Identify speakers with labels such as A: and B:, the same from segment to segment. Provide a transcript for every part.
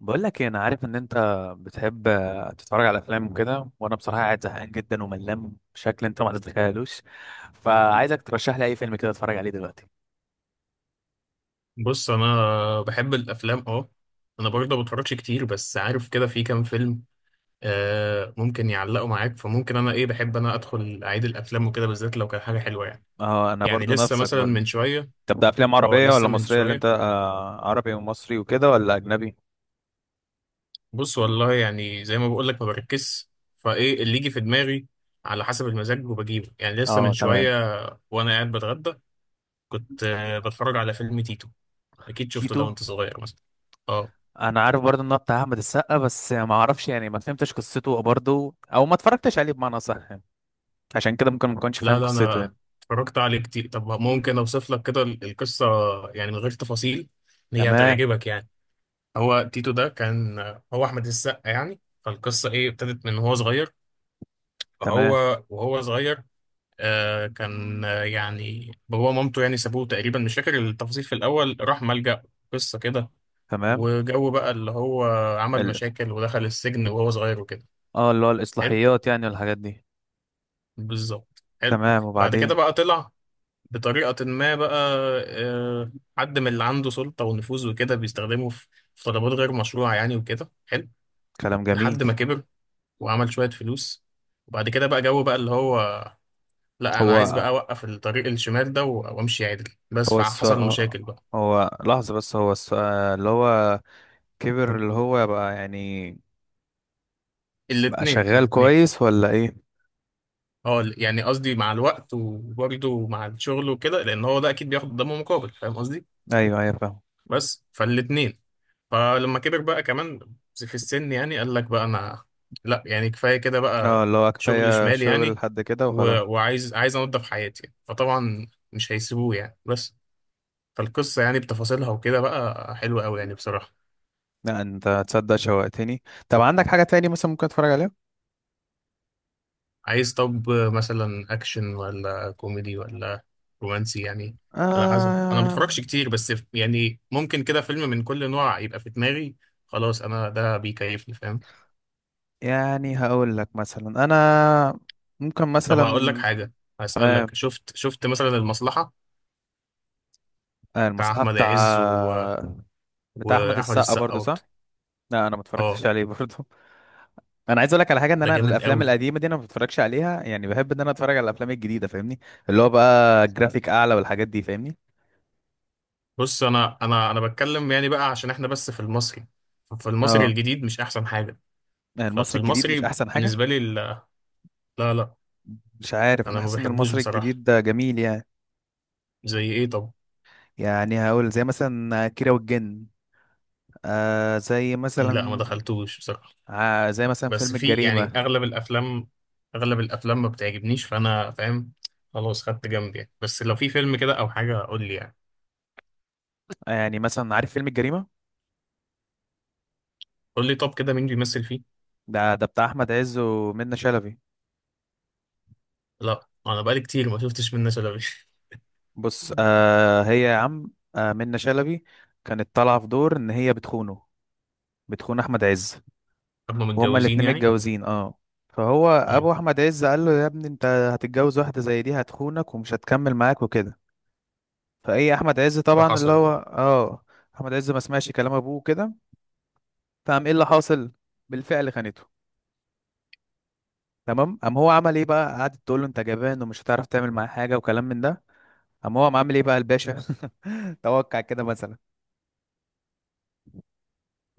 A: بقول لك إيه، انا عارف ان انت بتحب تتفرج على افلام وكده. وانا بصراحه قاعد زهقان جدا وملان بشكل انت ما تتخيلوش، فعايزك ترشح لي اي فيلم كده اتفرج عليه دلوقتي.
B: بص، انا بحب الافلام. اه، انا برضه ما بتفرجش كتير، بس عارف كده في كام فيلم ممكن يعلقوا معاك. فممكن انا ايه، بحب انا ادخل اعيد الافلام وكده، بالذات لو كان حاجه حلوه يعني
A: اه، انا
B: يعني
A: برضو
B: لسه
A: نفسك
B: مثلا
A: برضو.
B: من شويه.
A: طب ده افلام
B: اه،
A: عربية
B: لسه
A: ولا
B: من
A: مصرية اللي انت
B: شويه.
A: عربي ومصري وكده ولا اجنبي؟
B: بص، والله يعني زي ما بقول لك ما بركزش، فايه اللي يجي في دماغي على حسب المزاج وبجيبه. يعني لسه من
A: اه، تمام.
B: شويه، وانا قاعد بتغدى كنت بتفرج على فيلم تيتو. اكيد شفته
A: تيتو؟
B: ده وانت صغير مثلا. اه،
A: انا عارف برضه ان هو بتاع احمد السقا، بس ما اعرفش يعني، ما فهمتش قصته برضه او ما اتفرجتش عليه بمعنى صح يعني. عشان كده ممكن ما كنتش
B: لا
A: فاهم
B: لا،
A: قصته
B: انا
A: يعني.
B: اتفرجت عليه كتير. طب ممكن اوصف لك كده القصه، يعني من غير تفاصيل، إن هي
A: تمام.
B: هتعجبك يعني. هو تيتو ده كان، هو احمد السقا يعني. فالقصه ايه؟ ابتدت من هو صغير،
A: تمام.
B: فهو وهو صغير آه كان آه، يعني بابا ومامته يعني سابوه تقريبا، مش فاكر التفاصيل، في الاول راح ملجأ. قصه كده.
A: تمام.
B: وجو بقى اللي هو عمل مشاكل ودخل السجن وهو صغير وكده.
A: اه، اللي هو
B: حلو،
A: الإصلاحيات يعني والحاجات دي.
B: بالظبط حلو.
A: تمام،
B: بعد كده
A: وبعدين؟
B: بقى طلع بطريقة ما بقى، آه، حد من اللي عنده سلطة ونفوذ وكده بيستخدمه في طلبات غير مشروعة يعني وكده. حلو.
A: كلام جميل.
B: لحد ما كبر وعمل شوية فلوس، وبعد كده بقى جو بقى اللي هو، لا أنا عايز
A: هو
B: بقى أوقف الطريق الشمال ده وأمشي عدل، بس
A: هو
B: فحصل
A: السؤال.
B: مشاكل بقى.
A: هو، لحظة بس، هو السؤال. اللي هو كبر اللي هو بقى يعني؟ بقى
B: الاتنين،
A: شغال
B: الاتنين.
A: كويس ولا ايه؟
B: اه يعني، قصدي مع الوقت وبرضه مع الشغل وكده، لأن هو ده أكيد بياخد قدامه مقابل، فاهم قصدي.
A: ايوه، ايوه، فاهم.
B: بس فالاتنين، فلما كبر بقى كمان في السن يعني قال لك بقى، انا لا، يعني كفايه كده
A: اه،
B: بقى.
A: اللي هو
B: شغل
A: كفاية
B: شمال
A: شغل
B: يعني،
A: لحد كده
B: و...
A: وخلاص.
B: وعايز انضف حياتي، فطبعا مش هيسيبوه يعني. بس فالقصه يعني بتفاصيلها وكده بقى حلوه قوي يعني بصراحه.
A: لا انت تصدق، شوقتني. طب عندك حاجة تاني مثلا ممكن اتفرج عليها؟
B: عايز طب مثلا اكشن ولا كوميدي ولا رومانسي يعني؟ على حسب، انا ما
A: آه
B: بتفرجش كتير بس يعني ممكن كده فيلم من كل نوع يبقى في دماغي. خلاص، انا ده بيكيفني، فاهم.
A: يعني هقول لك مثلا انا ممكن
B: طب هقول لك
A: مثلا.
B: حاجه،
A: تمام.
B: هسألك شفت، مثلا المصلحه؟ بتاع
A: المصلحة؟
B: احمد
A: بتاع
B: عز، و...
A: بتاع احمد
B: واحمد
A: السقا
B: السقا
A: برضو، صح؟
B: برضه.
A: لا انا ما اتفرجتش
B: اه،
A: عليه برضه. انا عايز اقول لك على حاجه، ان
B: ده
A: انا
B: جامد
A: الافلام
B: قوي.
A: القديمه دي انا ما بتفرجش عليها، يعني بحب ان انا اتفرج على الافلام الجديده، فاهمني؟ اللي هو بقى جرافيك اعلى والحاجات دي، فاهمني؟
B: بص، انا بتكلم يعني بقى عشان احنا بس في المصري، في المصري
A: اه.
B: الجديد مش احسن حاجه.
A: يعني
B: ففي
A: المصري الجديد مش
B: المصري
A: احسن حاجه؟
B: بالنسبه لي، لا، لا لا.
A: مش عارف، انا
B: انا ما
A: حاسس ان
B: بحبوش
A: المصري
B: بصراحه.
A: الجديد ده جميل يعني.
B: زي ايه طب؟
A: يعني هقول زي مثلا كيرة والجن. زي
B: لا، ما
A: مثلا.
B: دخلتوش بصراحه.
A: زي مثلا
B: بس
A: فيلم
B: في يعني
A: الجريمه.
B: اغلب الافلام، اغلب الافلام ما بتعجبنيش، فانا فاهم. خلاص خدت جنب يعني. بس لو في فيلم كده او حاجه قول لي يعني.
A: يعني مثلا عارف فيلم الجريمه؟
B: قول لي طب كده مين بيمثل فيه.
A: ده بتاع احمد عز ومنة شلبي.
B: لا انا بقالي كتير ما شفتش منة شلبي.
A: بص هي يا عم. منة شلبي كانت طالعه في دور ان هي بتخونه، بتخون احمد عز.
B: هم
A: وهما
B: متجوزين
A: الاتنين
B: يعني؟
A: متجوزين، اه. فهو
B: مم.
A: ابو احمد عز قال له يا ابني، انت هتتجوز واحده زي دي هتخونك ومش هتكمل معاك وكده. فايه احمد عز طبعا اللي
B: فحصل
A: هو
B: بقى.
A: احمد عز ما سمعش كلام ابوه كده. فقام ايه اللي حاصل؟ بالفعل خانته. تمام، قام هو عمل ايه بقى؟ قعدت تقول له انت جبان ومش هتعرف تعمل معاه حاجه وكلام من ده. قام هو عامل ايه بقى الباشا؟ توقع كده مثلا.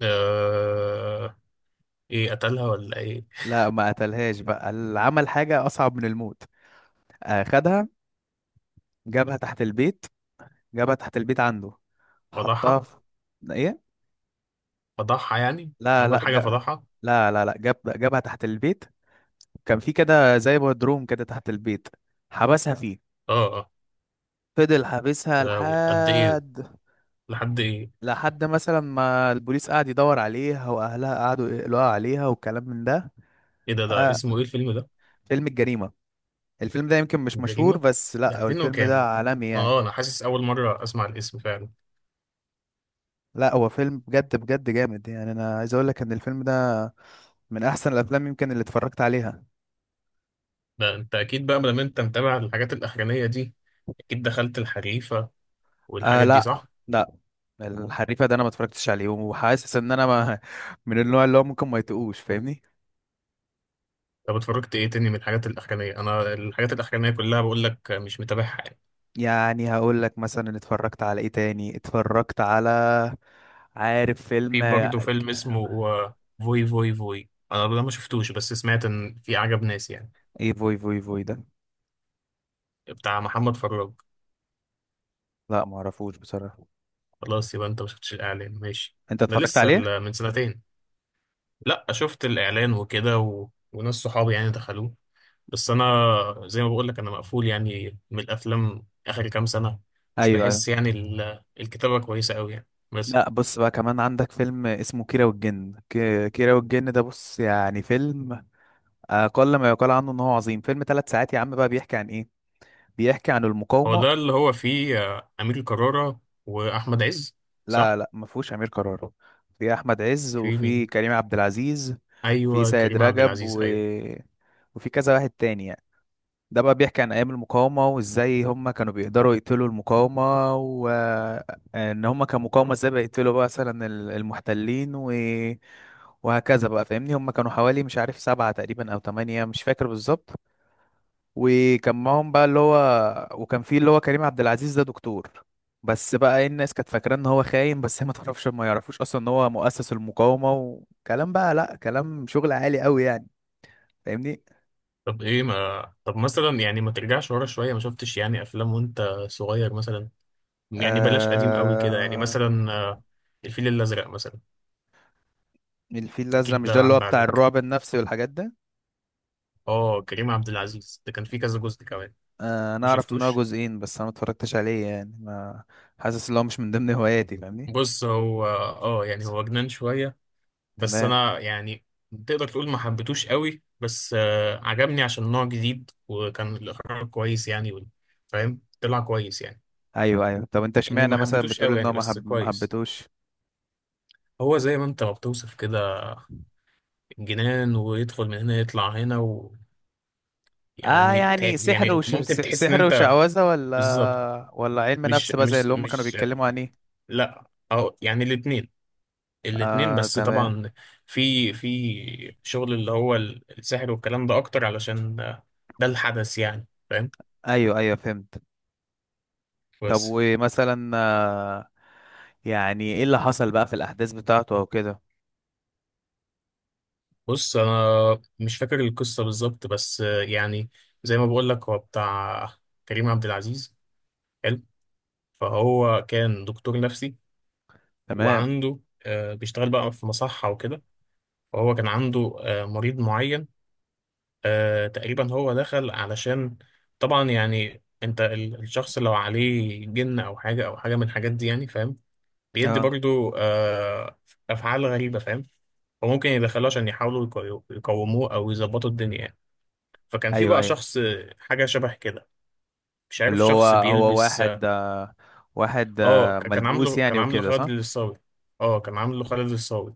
B: آه، ايه قتلها ولا ايه؟
A: لا ما قتلهاش بقى، عمل حاجه اصعب من الموت. خدها، جابها تحت البيت. جابها تحت البيت عنده. حطها
B: فضحها،
A: في… ايه؟
B: فضحها يعني،
A: لا لا،
B: عمل حاجة فضحها.
A: لا لا لا، جابها تحت البيت. كان في كده زي بدروم كده تحت البيت، حبسها فيه.
B: اه، اه،
A: فضل حابسها
B: يا لهوي، قد ايه؟
A: لحد…
B: لحد ايه؟
A: لحد مثلا ما البوليس قعد يدور عليها واهلها قعدوا يقلقوا عليها والكلام من ده.
B: ايه ده؟
A: آه
B: اسمه ايه الفيلم ده؟
A: فيلم الجريمة. الفيلم ده يمكن مش مشهور،
B: الجريمة.
A: بس
B: ده
A: لا هو
B: 2000
A: الفيلم
B: وكام
A: ده
B: ده؟
A: عالمي يعني.
B: اه، انا حاسس اول مرة اسمع الاسم فعلا.
A: لا هو فيلم بجد بجد جامد يعني، انا عايز اقول لك ان الفيلم ده من احسن الافلام يمكن اللي اتفرجت عليها.
B: ده انت اكيد بقى لما انت متابع الحاجات الاخرانية دي اكيد دخلت الحريفة والحاجات دي
A: لا
B: صح؟
A: لا، الحريفه ده انا ما اتفرجتش عليه، وحاسس ان انا ما من النوع اللي هو ممكن ما يتقوش، فاهمني؟
B: طب اتفرجت ايه تاني من الحاجات الاخرانية؟ انا الحاجات الاخرانية كلها بقول لك مش متابعها يعني.
A: يعني هقول لك مثلا اتفرجت على ايه تاني، اتفرجت على… عارف فيلم؟
B: في برضه فيلم اسمه فوي فوي فوي. انا ده ما شفتوش بس سمعت ان في عجب ناس يعني.
A: ايه فوي فوي فوي ده؟
B: بتاع محمد فراج.
A: لا ما اعرفوش بصراحه.
B: خلاص يبقى انت ما شفتش الاعلان، ماشي.
A: انت
B: ده
A: اتفرجت
B: لسه
A: عليه؟
B: من سنتين. لا، شفت الاعلان وكده، و... وناس صحابي يعني دخلوه. بس انا زي ما بقول لك انا مقفول يعني من الافلام اخر كام سنه. مش
A: ايوه، ايوه.
B: بحس يعني الكتابه كويسه قوي يعني بس.
A: لا بص بقى، كمان عندك فيلم اسمه كيرة والجن. كيرة والجن ده بص يعني فيلم اقل ما يقال عنه ان هو عظيم. فيلم ثلاث ساعات يا عم، بقى بيحكي عن ايه؟ بيحكي عن
B: هو
A: المقاومه.
B: ده اللي هو فيه امير كرارة واحمد عز؟
A: لا
B: صح.
A: لا، ما فيهوش امير كرارة. في احمد عز
B: في
A: وفي
B: مين؟
A: كريم عبد العزيز. وفي
B: ايوه،
A: سيد
B: كريم عبد
A: رجب
B: العزيز،
A: و…
B: ايوه.
A: وفي كذا واحد تاني يعني. ده بقى بيحكي عن ايام المقاومة، وازاي هم كانوا بيقدروا يقتلوا المقاومة، وان هم كمقاومة ازاي بيقتلوا بقى مثلا المحتلين و… وهكذا بقى، فاهمني؟ هم كانوا حوالي مش عارف سبعة تقريبا او تمانية، مش فاكر بالظبط. وكان معاهم بقى اللي هو… وكان فيه اللي هو كريم عبد العزيز ده دكتور. بس بقى ايه، الناس كانت فاكرة ان هو خاين، بس هي ما تعرفش، ما يعرفوش اصلا ان هو مؤسس المقاومة. وكلام بقى، لا كلام شغل عالي قوي يعني، فاهمني؟
B: طب ايه ما، طب مثلا يعني ما ترجعش ورا شوية، ما شفتش يعني افلام وانت صغير مثلا؟ يعني بلاش قديم قوي كده، يعني
A: آه...
B: مثلا الفيل الازرق مثلا.
A: الفيل الازرق؟
B: اكيد
A: مش ده
B: ده
A: اللي هو
B: عدى
A: بتاع
B: عليك.
A: الرعب النفسي والحاجات ده؟
B: اه، كريم عبد العزيز ده كان فيه كذا جزء كمان.
A: انا
B: ما
A: اعرف ان هو
B: شفتوش.
A: جزئين، بس انا ما اتفرجتش عليه يعني، ما… حاسس ان هو مش من ضمن هواياتي، فاهمني؟
B: بص، هو اه يعني هو جنان شوية، بس
A: تمام.
B: انا يعني تقدر تقول ما حبيتوش قوي بس، عجبني عشان نوع جديد، وكان الاخراج كويس يعني فاهم، طلع كويس يعني.
A: ايوه ايوه، طب انت
B: اني
A: اشمعنى
B: ما
A: مثلا
B: حبيتوش
A: بتقول
B: قوي
A: ان هو
B: يعني، بس
A: ما
B: كويس.
A: حبيتهوش؟
B: هو زي ما انت ما بتوصف كده، جنان ويدخل من هنا يطلع هنا،
A: اه
B: ويعني
A: يعني سحر
B: يعني ممكن تحس ان
A: سحر
B: انت،
A: وشعوذة
B: بالظبط.
A: ولا علم
B: مش
A: نفس بقى، زي
B: مش
A: اللي هم كانوا
B: مش
A: بيتكلموا عن ايه؟
B: لا او يعني الاتنين، الاتنين،
A: اه
B: بس
A: تمام.
B: طبعا في شغل اللي هو السحر والكلام ده اكتر، علشان ده الحدث يعني، فاهم.
A: ايوه ايوه فهمت. طب
B: بس،
A: ومثلا يعني ايه اللي حصل بقى في الاحداث بتاعته او كده؟
B: بص انا مش فاكر القصة بالظبط، بس يعني زي ما بقول لك هو بتاع كريم عبد العزيز، حلو. فهو كان دكتور نفسي،
A: تمام.
B: وعنده بيشتغل بقى في مصحة وكده، وهو كان عنده مريض معين. تقريبا هو دخل علشان، طبعا يعني انت الشخص لو عليه جن او حاجه او حاجه من الحاجات دي يعني، فاهم، بيدي
A: اه،
B: برضو افعال غريبه، فاهم. فممكن يدخلوه عشان يحاولوا يقوموه، او يظبطوا الدنيا يعني. فكان في
A: ايوه
B: بقى
A: ايوه،
B: شخص حاجه شبه كده، مش
A: اللي
B: عارف،
A: هو
B: شخص
A: هو
B: بيلبس.
A: واحد
B: اه،
A: آه، واحد آه،
B: كان
A: ملبوس
B: عامله،
A: يعني وكده،
B: خالد
A: صح؟
B: الصاوي. اه، كان عامله خالد الصاوي،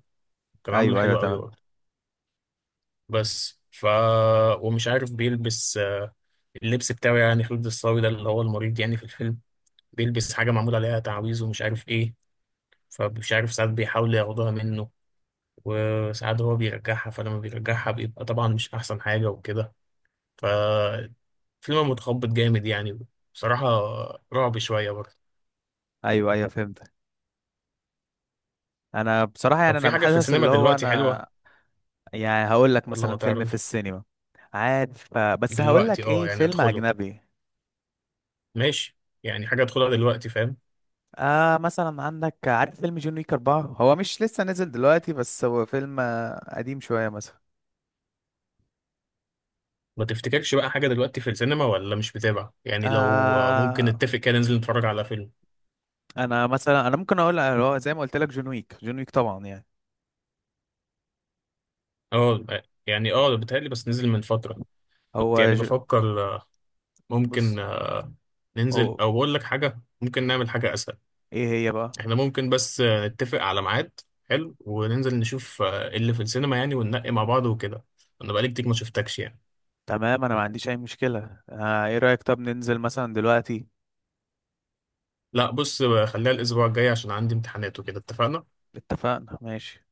B: كان عامله
A: ايوه ايوه
B: حلو قوي
A: تمام.
B: برضه. بس ف، ومش عارف بيلبس اللبس بتاعه يعني. خالد الصاوي ده اللي هو المريض يعني في الفيلم، بيلبس حاجة معمول عليها تعويذ ومش عارف ايه. فمش عارف، ساعات بيحاول ياخدوها منه، وساعات هو بيرجعها، فلما بيرجعها بيبقى طبعا مش أحسن حاجة وكده. ففيلم متخبط جامد يعني بصراحة، رعب شوية برضه.
A: ايوه ايوه فهمت. انا بصراحة
B: طب
A: يعني
B: في
A: انا
B: حاجة في
A: حاسس
B: السينما
A: اللي هو
B: دلوقتي
A: انا…
B: حلوة
A: يعني هقول لك
B: ولا ما
A: مثلا فيلم في
B: تعرفش؟
A: السينما. عارف بس هقول
B: دلوقتي
A: لك
B: اه،
A: ايه،
B: يعني
A: فيلم
B: ادخله،
A: اجنبي.
B: ماشي، يعني حاجة ادخلها دلوقتي، فاهم.
A: مثلا عندك، عارف فيلم جون ويك 4؟ هو مش لسه نزل دلوقتي، بس هو فيلم قديم شوية مثلا.
B: ما تفتكرش بقى حاجة دلوقتي في السينما، ولا مش بتابع؟ يعني لو ممكن
A: آه
B: نتفق كده، ننزل نتفرج على فيلم.
A: انا مثلا انا ممكن هو زي ما قلت لك جون ويك. جون ويك طبعا يعني.
B: اه، يعني اه بيتهيألي بس نزل من فترة. كنت
A: هو
B: يعني
A: ج...
B: بفكر ممكن
A: بص،
B: ننزل.
A: هو…
B: او بقول لك حاجة، ممكن نعمل حاجة اسهل.
A: ايه هي بقى؟
B: احنا ممكن بس نتفق على ميعاد، حلو، وننزل نشوف اللي في السينما يعني، وننقي مع بعض وكده. انا بقالي كتير ما شفتكش يعني.
A: تمام، انا ما عنديش اي مشكلة. ايه رأيك طب ننزل مثلا دلوقتي؟
B: لا بص، خليها الاسبوع الجاي عشان عندي امتحانات وكده. اتفقنا.
A: اتفقنا. ماشي.